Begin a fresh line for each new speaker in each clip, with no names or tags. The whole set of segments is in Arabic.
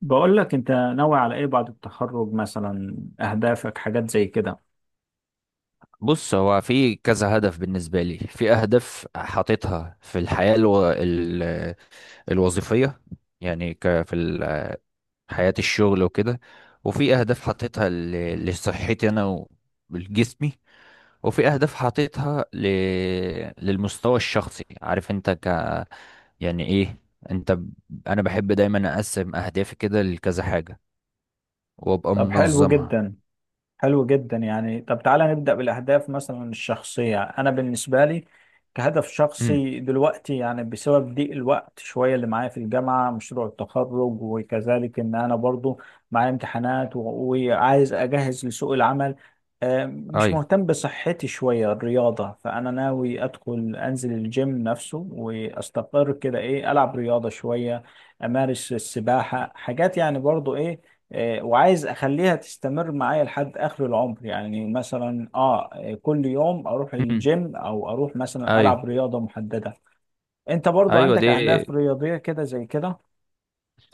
بقول لك انت ناوي على ايه بعد التخرج؟ مثلا اهدافك، حاجات زي كده.
بص، هو في كذا هدف بالنسبة لي. في أهداف حاططها في الحياة الوظيفية. يعني في حياة الشغل وكده. وفي أهداف حاططها لصحتي أنا ولجسمي. وفي أهداف حاططها للمستوى الشخصي. عارف أنت، يعني إيه، أنت أنا بحب دايما أقسم أهدافي كده لكذا حاجة، وأبقى
طب حلو
منظمها.
جدا، حلو جدا، يعني طب تعالى نبدأ بالأهداف، مثلا الشخصية. أنا بالنسبة لي كهدف
امم.
شخصي دلوقتي، يعني بسبب ضيق الوقت شوية اللي معايا في الجامعة، مشروع التخرج، وكذلك إن أنا برضو معايا امتحانات وعايز أجهز لسوق العمل. مش
أيوه.
مهتم بصحتي شوية، الرياضة، فأنا ناوي أدخل أنزل الجيم نفسه وأستقر كده، إيه، ألعب رياضة شوية، امارس السباحه، حاجات يعني برضو ايه. وعايز اخليها تستمر معايا لحد اخر العمر، يعني مثلا كل يوم اروح
امم.
الجيم او اروح مثلا
ايوه.
العب رياضه محدده. انت برضو
ايوه
عندك
دي.
اهداف رياضيه كده زي كده؟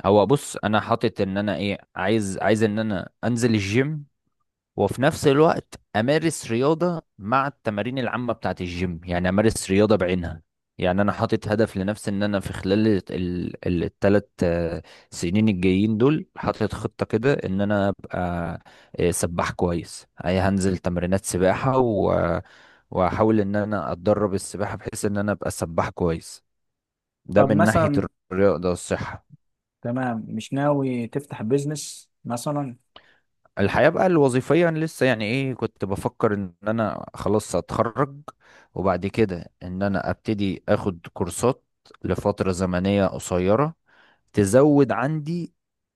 هو بص، انا حاطط ان انا ايه عايز ان انا انزل الجيم، وفي نفس الوقت امارس رياضة مع التمارين العامة بتاعت الجيم، يعني امارس رياضة بعينها. يعني انا حاطط هدف لنفسي ان انا في خلال الثلاث سنين الجايين دول، حاطط خطة كده ان انا ابقى سباح كويس. اي هنزل تمرينات سباحة، واحاول ان انا اتدرب السباحة بحيث ان انا ابقى سباح كويس. ده
طب
من ناحية
مثلا.
الرياضة والصحة.
تمام، مش ناوي تفتح بيزنس مثلا؟
الحياة بقى الوظيفية، أنا لسه يعني ايه كنت بفكر ان انا خلاص هتخرج، وبعد كده ان انا ابتدي اخد كورسات لفترة زمنية قصيرة تزود عندي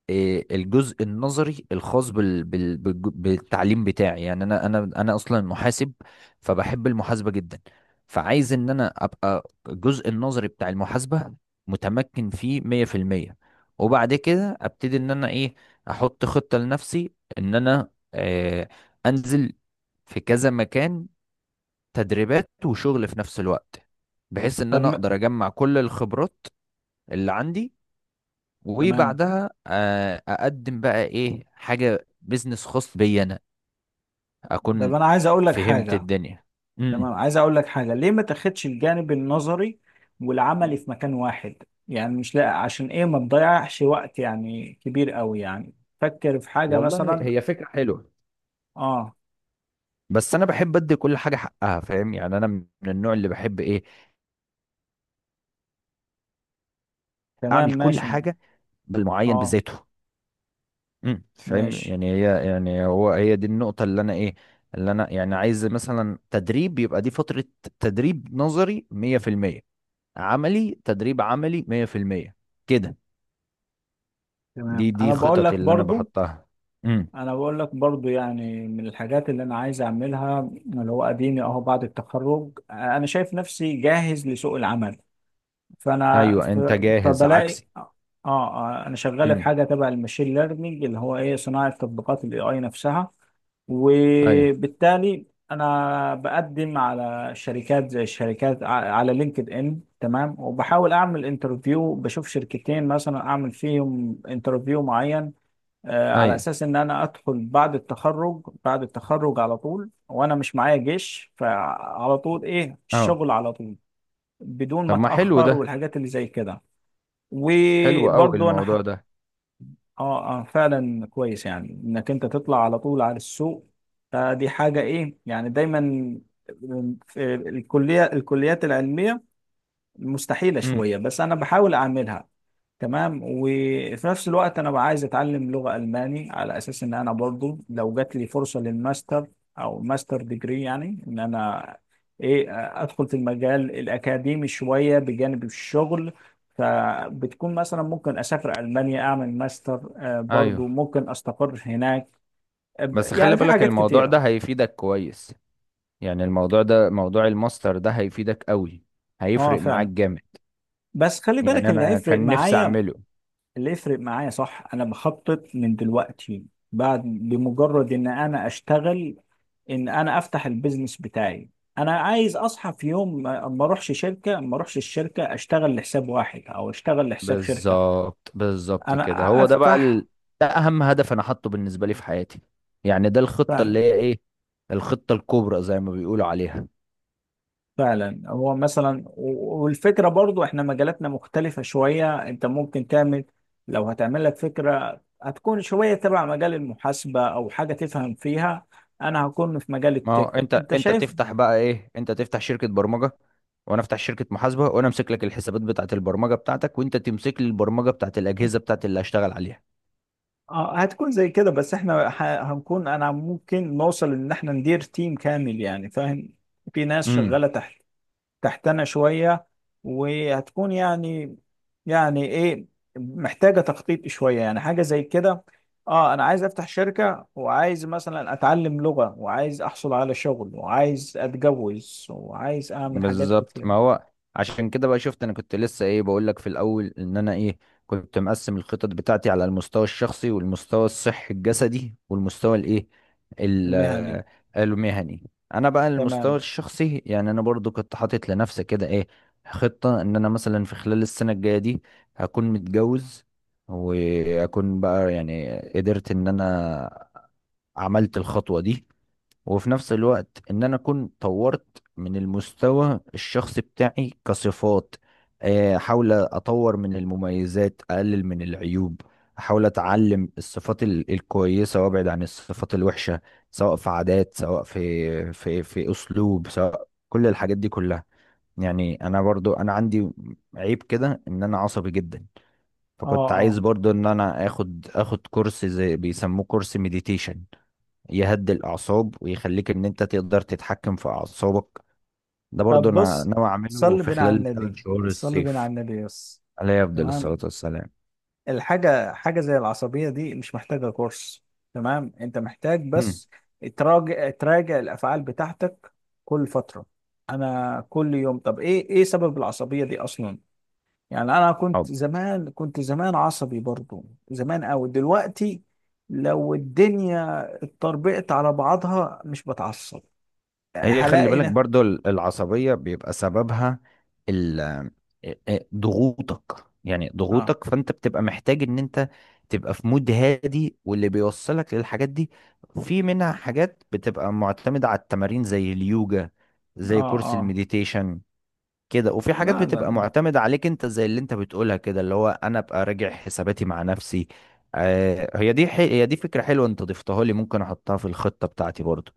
الجزء النظري الخاص بالتعليم بتاعي. يعني انا اصلا محاسب، فبحب المحاسبه جدا، فعايز ان انا ابقى الجزء النظري بتاع المحاسبه متمكن فيه 100%، وبعد كده ابتدي ان انا ايه احط خطه لنفسي ان انا انزل في كذا مكان تدريبات وشغل في نفس الوقت، بحيث ان
طب
انا
م-
اقدر اجمع كل الخبرات اللي عندي،
تمام.
وبعدها اقدم بقى ايه حاجه بيزنس خاص بي انا،
طب
اكون
انا عايز اقول لك
فهمت
حاجه.
الدنيا.
تمام،
امم.
عايز اقول لك حاجه، ليه ما تاخدش الجانب النظري والعملي في مكان واحد؟ يعني مش لا عشان ايه، ما تضيعش وقت يعني كبير قوي يعني، فكر في حاجه
والله،
مثلا.
هي فكرة حلوة،
اه،
بس انا بحب ادي كل حاجه حقها. فاهم؟ يعني انا من النوع اللي بحب ايه
تمام
اعمل كل
ماشي.
حاجه بالمعين
اه،
بذاته. امم، فاهم؟
ماشي.
يعني هي، يعني هو، هي دي النقطه اللي انا ايه اللي انا يعني عايز، مثلا تدريب. يبقى دي فتره تدريب نظري 100%، عملي تدريب عملي 100%، كده. دي
تمام.
دي
انا بقول
خططي
لك
اللي انا
برضو
بحطها. امم.
انا بقول لك برضو يعني من الحاجات اللي انا عايز اعملها، اللي هو اديني اهو بعد التخرج، انا شايف نفسي جاهز لسوق العمل، فانا
ايوه، انت جاهز
فبلاقي،
عكسي.
اه. انا شغال في
امم.
حاجه تبع المشين ليرنينج، اللي هو ايه صناعه تطبيقات الاي اي نفسها،
ايوه.
وبالتالي انا بقدم على شركات زي الشركات على لينكد ان. تمام. وبحاول اعمل انترفيو، بشوف شركتين مثلا اعمل فيهم انترفيو معين، على
ايوه.
اساس ان انا ادخل بعد التخرج على طول وانا مش معايا جيش، فعلى طول ايه
اه.
الشغل على طول، بدون ما
طب ما حلو
اتاخر
ده،
والحاجات اللي زي كده.
حلو قوي
وبرضه انا
الموضوع ده.
اه، اه، فعلا كويس، يعني انك انت تطلع على طول على السوق، فدي حاجه، ايه، يعني دايما في الكليه، الكليات العلميه مستحيله
امم.
شويه، بس انا بحاول اعملها. تمام. وفي نفس الوقت انا بقى عايز اتعلم لغة الماني على اساس ان انا برضو لو جات لي فرصة للماستر او ماستر ديجري، يعني ان انا ايه ادخل في المجال الاكاديمي شوية بجانب الشغل، فبتكون مثلا ممكن اسافر المانيا اعمل ماستر، برضو
ايوه.
ممكن استقر هناك.
بس خلي
يعني في
بالك
حاجات
الموضوع ده
كتيرة.
هيفيدك كويس. يعني الموضوع ده، موضوع الماستر ده، هيفيدك قوي،
اه،
هيفرق معاك
فعلا.
جامد.
بس خلي بالك
يعني
اللي
انا
هيفرق
كان نفسي
معايا،
اعمله.
اللي يفرق معايا صح، انا بخطط من دلوقتي، بعد بمجرد ان انا اشتغل ان انا افتح البيزنس بتاعي، انا عايز اصحى في يوم ما ما اروحش الشركه، اشتغل لحساب واحد او اشتغل لحساب شركه،
بالظبط بالظبط
انا
كده، هو ده بقى
افتح.
ده اهم هدف انا حاطه بالنسبة لي في حياتي. يعني ده الخطة اللي
فعلا،
هي ايه، الخطة الكبرى زي ما بيقولوا عليها.
فعلا. هو مثلا والفكره برضو احنا مجالاتنا مختلفه شويه، انت ممكن تعمل، لو هتعمل لك فكره هتكون شويه تبع مجال المحاسبه او حاجه تفهم فيها، انا هكون في مجال
ما هو
التك،
انت
انت
انت
شايف.
تفتح بقى ايه، انت تفتح شركة برمجة، وانا افتح شركة محاسبة، وانا امسك لك الحسابات بتاعة البرمجة بتاعتك، وانت تمسك لي البرمجة بتاعة الأجهزة بتاعة اللي هشتغل عليها.
اه، هتكون زي كده، بس احنا هنكون، انا ممكن نوصل ان احنا ندير تيم كامل يعني، فاهم، في ناس
امم.
شغالة تحت تحتنا شوية، وهتكون يعني، يعني ايه، محتاجة تخطيط شوية، يعني حاجة زي كده. اه، انا عايز افتح شركة وعايز مثلا اتعلم لغة وعايز احصل على شغل وعايز اتجوز وعايز اعمل حاجات
بالظبط. ما
كتيرة.
هو عشان كده بقى شفت، انا كنت لسه ايه بقول لك في الاول ان انا ايه كنت مقسم الخطط بتاعتي على المستوى الشخصي، والمستوى الصحي الجسدي، والمستوى الايه ال-
المهني.
آه، المهني. انا بقى المستوى
تمام.
الشخصي، يعني انا برضو كنت حاطط لنفسي كده ايه خطة ان انا مثلا في خلال السنة الجاية دي هكون متجوز، واكون بقى يعني قدرت ان انا عملت الخطوة دي. وفي نفس الوقت ان انا اكون طورت من المستوى الشخصي بتاعي كصفات. احاول اطور من المميزات، اقلل من العيوب، احاول اتعلم الصفات الكويسه وابعد عن الصفات الوحشه، سواء في عادات، سواء في اسلوب، سواء كل الحاجات دي كلها. يعني انا برضو انا عندي عيب كده ان انا عصبي جدا.
اه،
فكنت عايز
اه.
برضو ان انا اخد كورس زي بيسموه كورس مديتيشن، يهدي الأعصاب ويخليك إن أنت تقدر تتحكم في أعصابك. ده برضو
طب
أنا
بص،
ناوي أعمله
صلي
في
بينا على
خلال ثلاث
النبي،
شهور
صلي بينا على
الصيف.
النبي بس.
عليه أفضل الصلاة
تمام.
والسلام.
الحاجة، حاجة زي العصبية دي مش محتاجة كورس، تمام، انت محتاج
هم.
بس تراجع الافعال بتاعتك كل فترة. انا كل يوم، طب ايه، ايه سبب العصبية دي اصلا؟ يعني انا
طب،
كنت زمان عصبي برضو، زمان اوي. دلوقتي لو الدنيا اتطربقت على بعضها مش بتعصب،
هي خلي
هلاقي
بالك
ده.
برضو العصبية بيبقى سببها ال- ضغوطك. يعني
اه،
ضغوطك، فأنت بتبقى محتاج إن أنت تبقى في مود هادي. واللي بيوصلك للحاجات دي، في منها حاجات بتبقى معتمدة على التمارين زي اليوجا، زي
اه،
كورس
اه.
المديتيشن كده. وفي حاجات
لا، لا،
بتبقى
لا.
معتمدة عليك انت، زي اللي انت بتقولها كده، اللي هو انا ابقى راجع حساباتي مع نفسي. هي دي فكرة حلوة، انت ضفتها لي، ممكن احطها في الخطة بتاعتي برضو.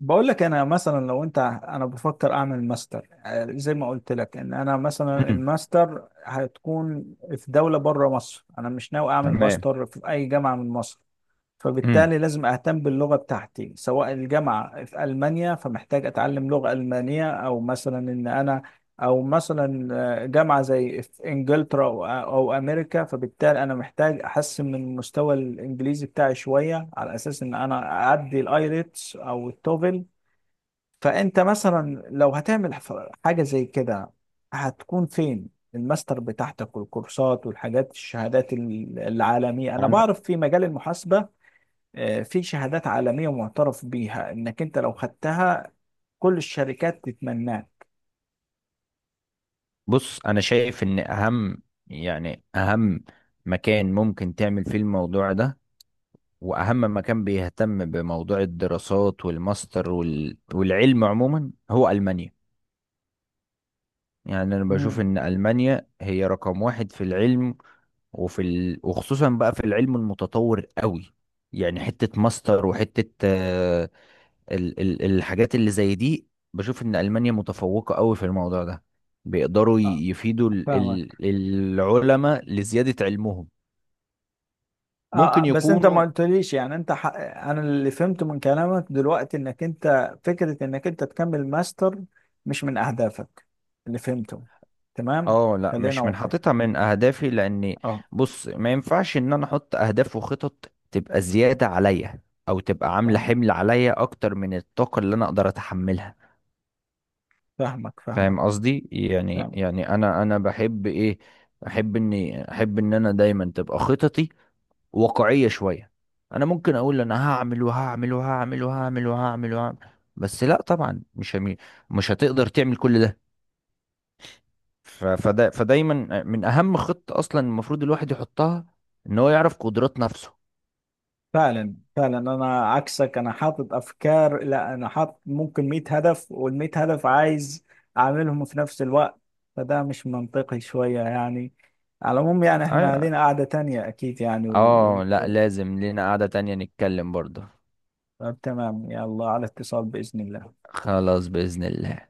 بقول لك انا مثلا، لو انت، انا بفكر اعمل ماستر، زي ما قلت لك، ان انا مثلا
امم.
الماستر هتكون في دولة بره مصر، انا مش ناوي اعمل
تمام.
ماستر في اي جامعة من مصر،
امم.
فبالتالي لازم اهتم باللغة بتاعتي، سواء الجامعة في المانيا فمحتاج اتعلم لغة المانية، او مثلا جامعة زي في انجلترا او أو امريكا، فبالتالي انا محتاج احسن من مستوى الانجليزي بتاعي شوية على اساس ان انا اعدي الايلتس او التوفل. فانت مثلا لو هتعمل حاجه زي كده، هتكون فين الماستر بتاعتك والكورسات والحاجات، الشهادات العالميه؟ انا
انا
بعرف في مجال المحاسبه في شهادات عالميه معترف بيها، انك انت لو خدتها كل الشركات تتمناك.
بص، انا شايف ان اهم، يعني اهم مكان ممكن تعمل فيه الموضوع ده، واهم مكان بيهتم بموضوع الدراسات والماستر والعلم عموما، هو المانيا. يعني انا بشوف
امم.
ان المانيا هي رقم واحد في العلم، وخصوصا بقى في العلم المتطور قوي. يعني حتة ماستر وحتة الحاجات اللي زي دي، بشوف ان ألمانيا متفوقة قوي في الموضوع ده. بيقدروا
آه،
يفيدوا
فاهمك.
العلماء لزيادة علمهم. ممكن
بس انت ما
يكونوا.
قلتليش، يعني انت انا اللي فهمته من كلامك دلوقتي، انك انت فكره انك انت تكمل ماستر مش من اهدافك، اللي فهمته. تمام.
اه. لا،
خلينا
مش من
واقعيين.
حاططها من اهدافي. لاني،
اه،
بص، ما ينفعش ان انا احط اهداف وخطط تبقى زيادة عليا او تبقى عاملة
فاهمك،
حمل عليا اكتر من الطاقة اللي انا اقدر اتحملها.
فاهمك، فاهمك،
فاهم قصدي؟ يعني
فاهمك.
يعني انا بحب ايه، احب ان انا دايما تبقى خططي واقعية شوية. انا ممكن اقول انا هعمل وهعمل وهعمل وهعمل وهعمل وهعمل، بس لا طبعا مش مش هتقدر تعمل كل ده. فدايما من اهم خطة اصلا المفروض الواحد يحطها ان هو يعرف قدرات نفسه.
فعلا، فعلا، انا عكسك، انا حاطط افكار، لا انا حاطط ممكن 100 هدف، وال 100 هدف عايز اعملهم في نفس الوقت، فده مش منطقي شوية يعني. على العموم يعني احنا
ايوه.
لينا قعدة تانية اكيد يعني
اه. لا،
و-
لازم لينا قعدة تانية نتكلم برضه.
طب تمام، يلا، على اتصال بإذن الله.
خلاص، بإذن الله.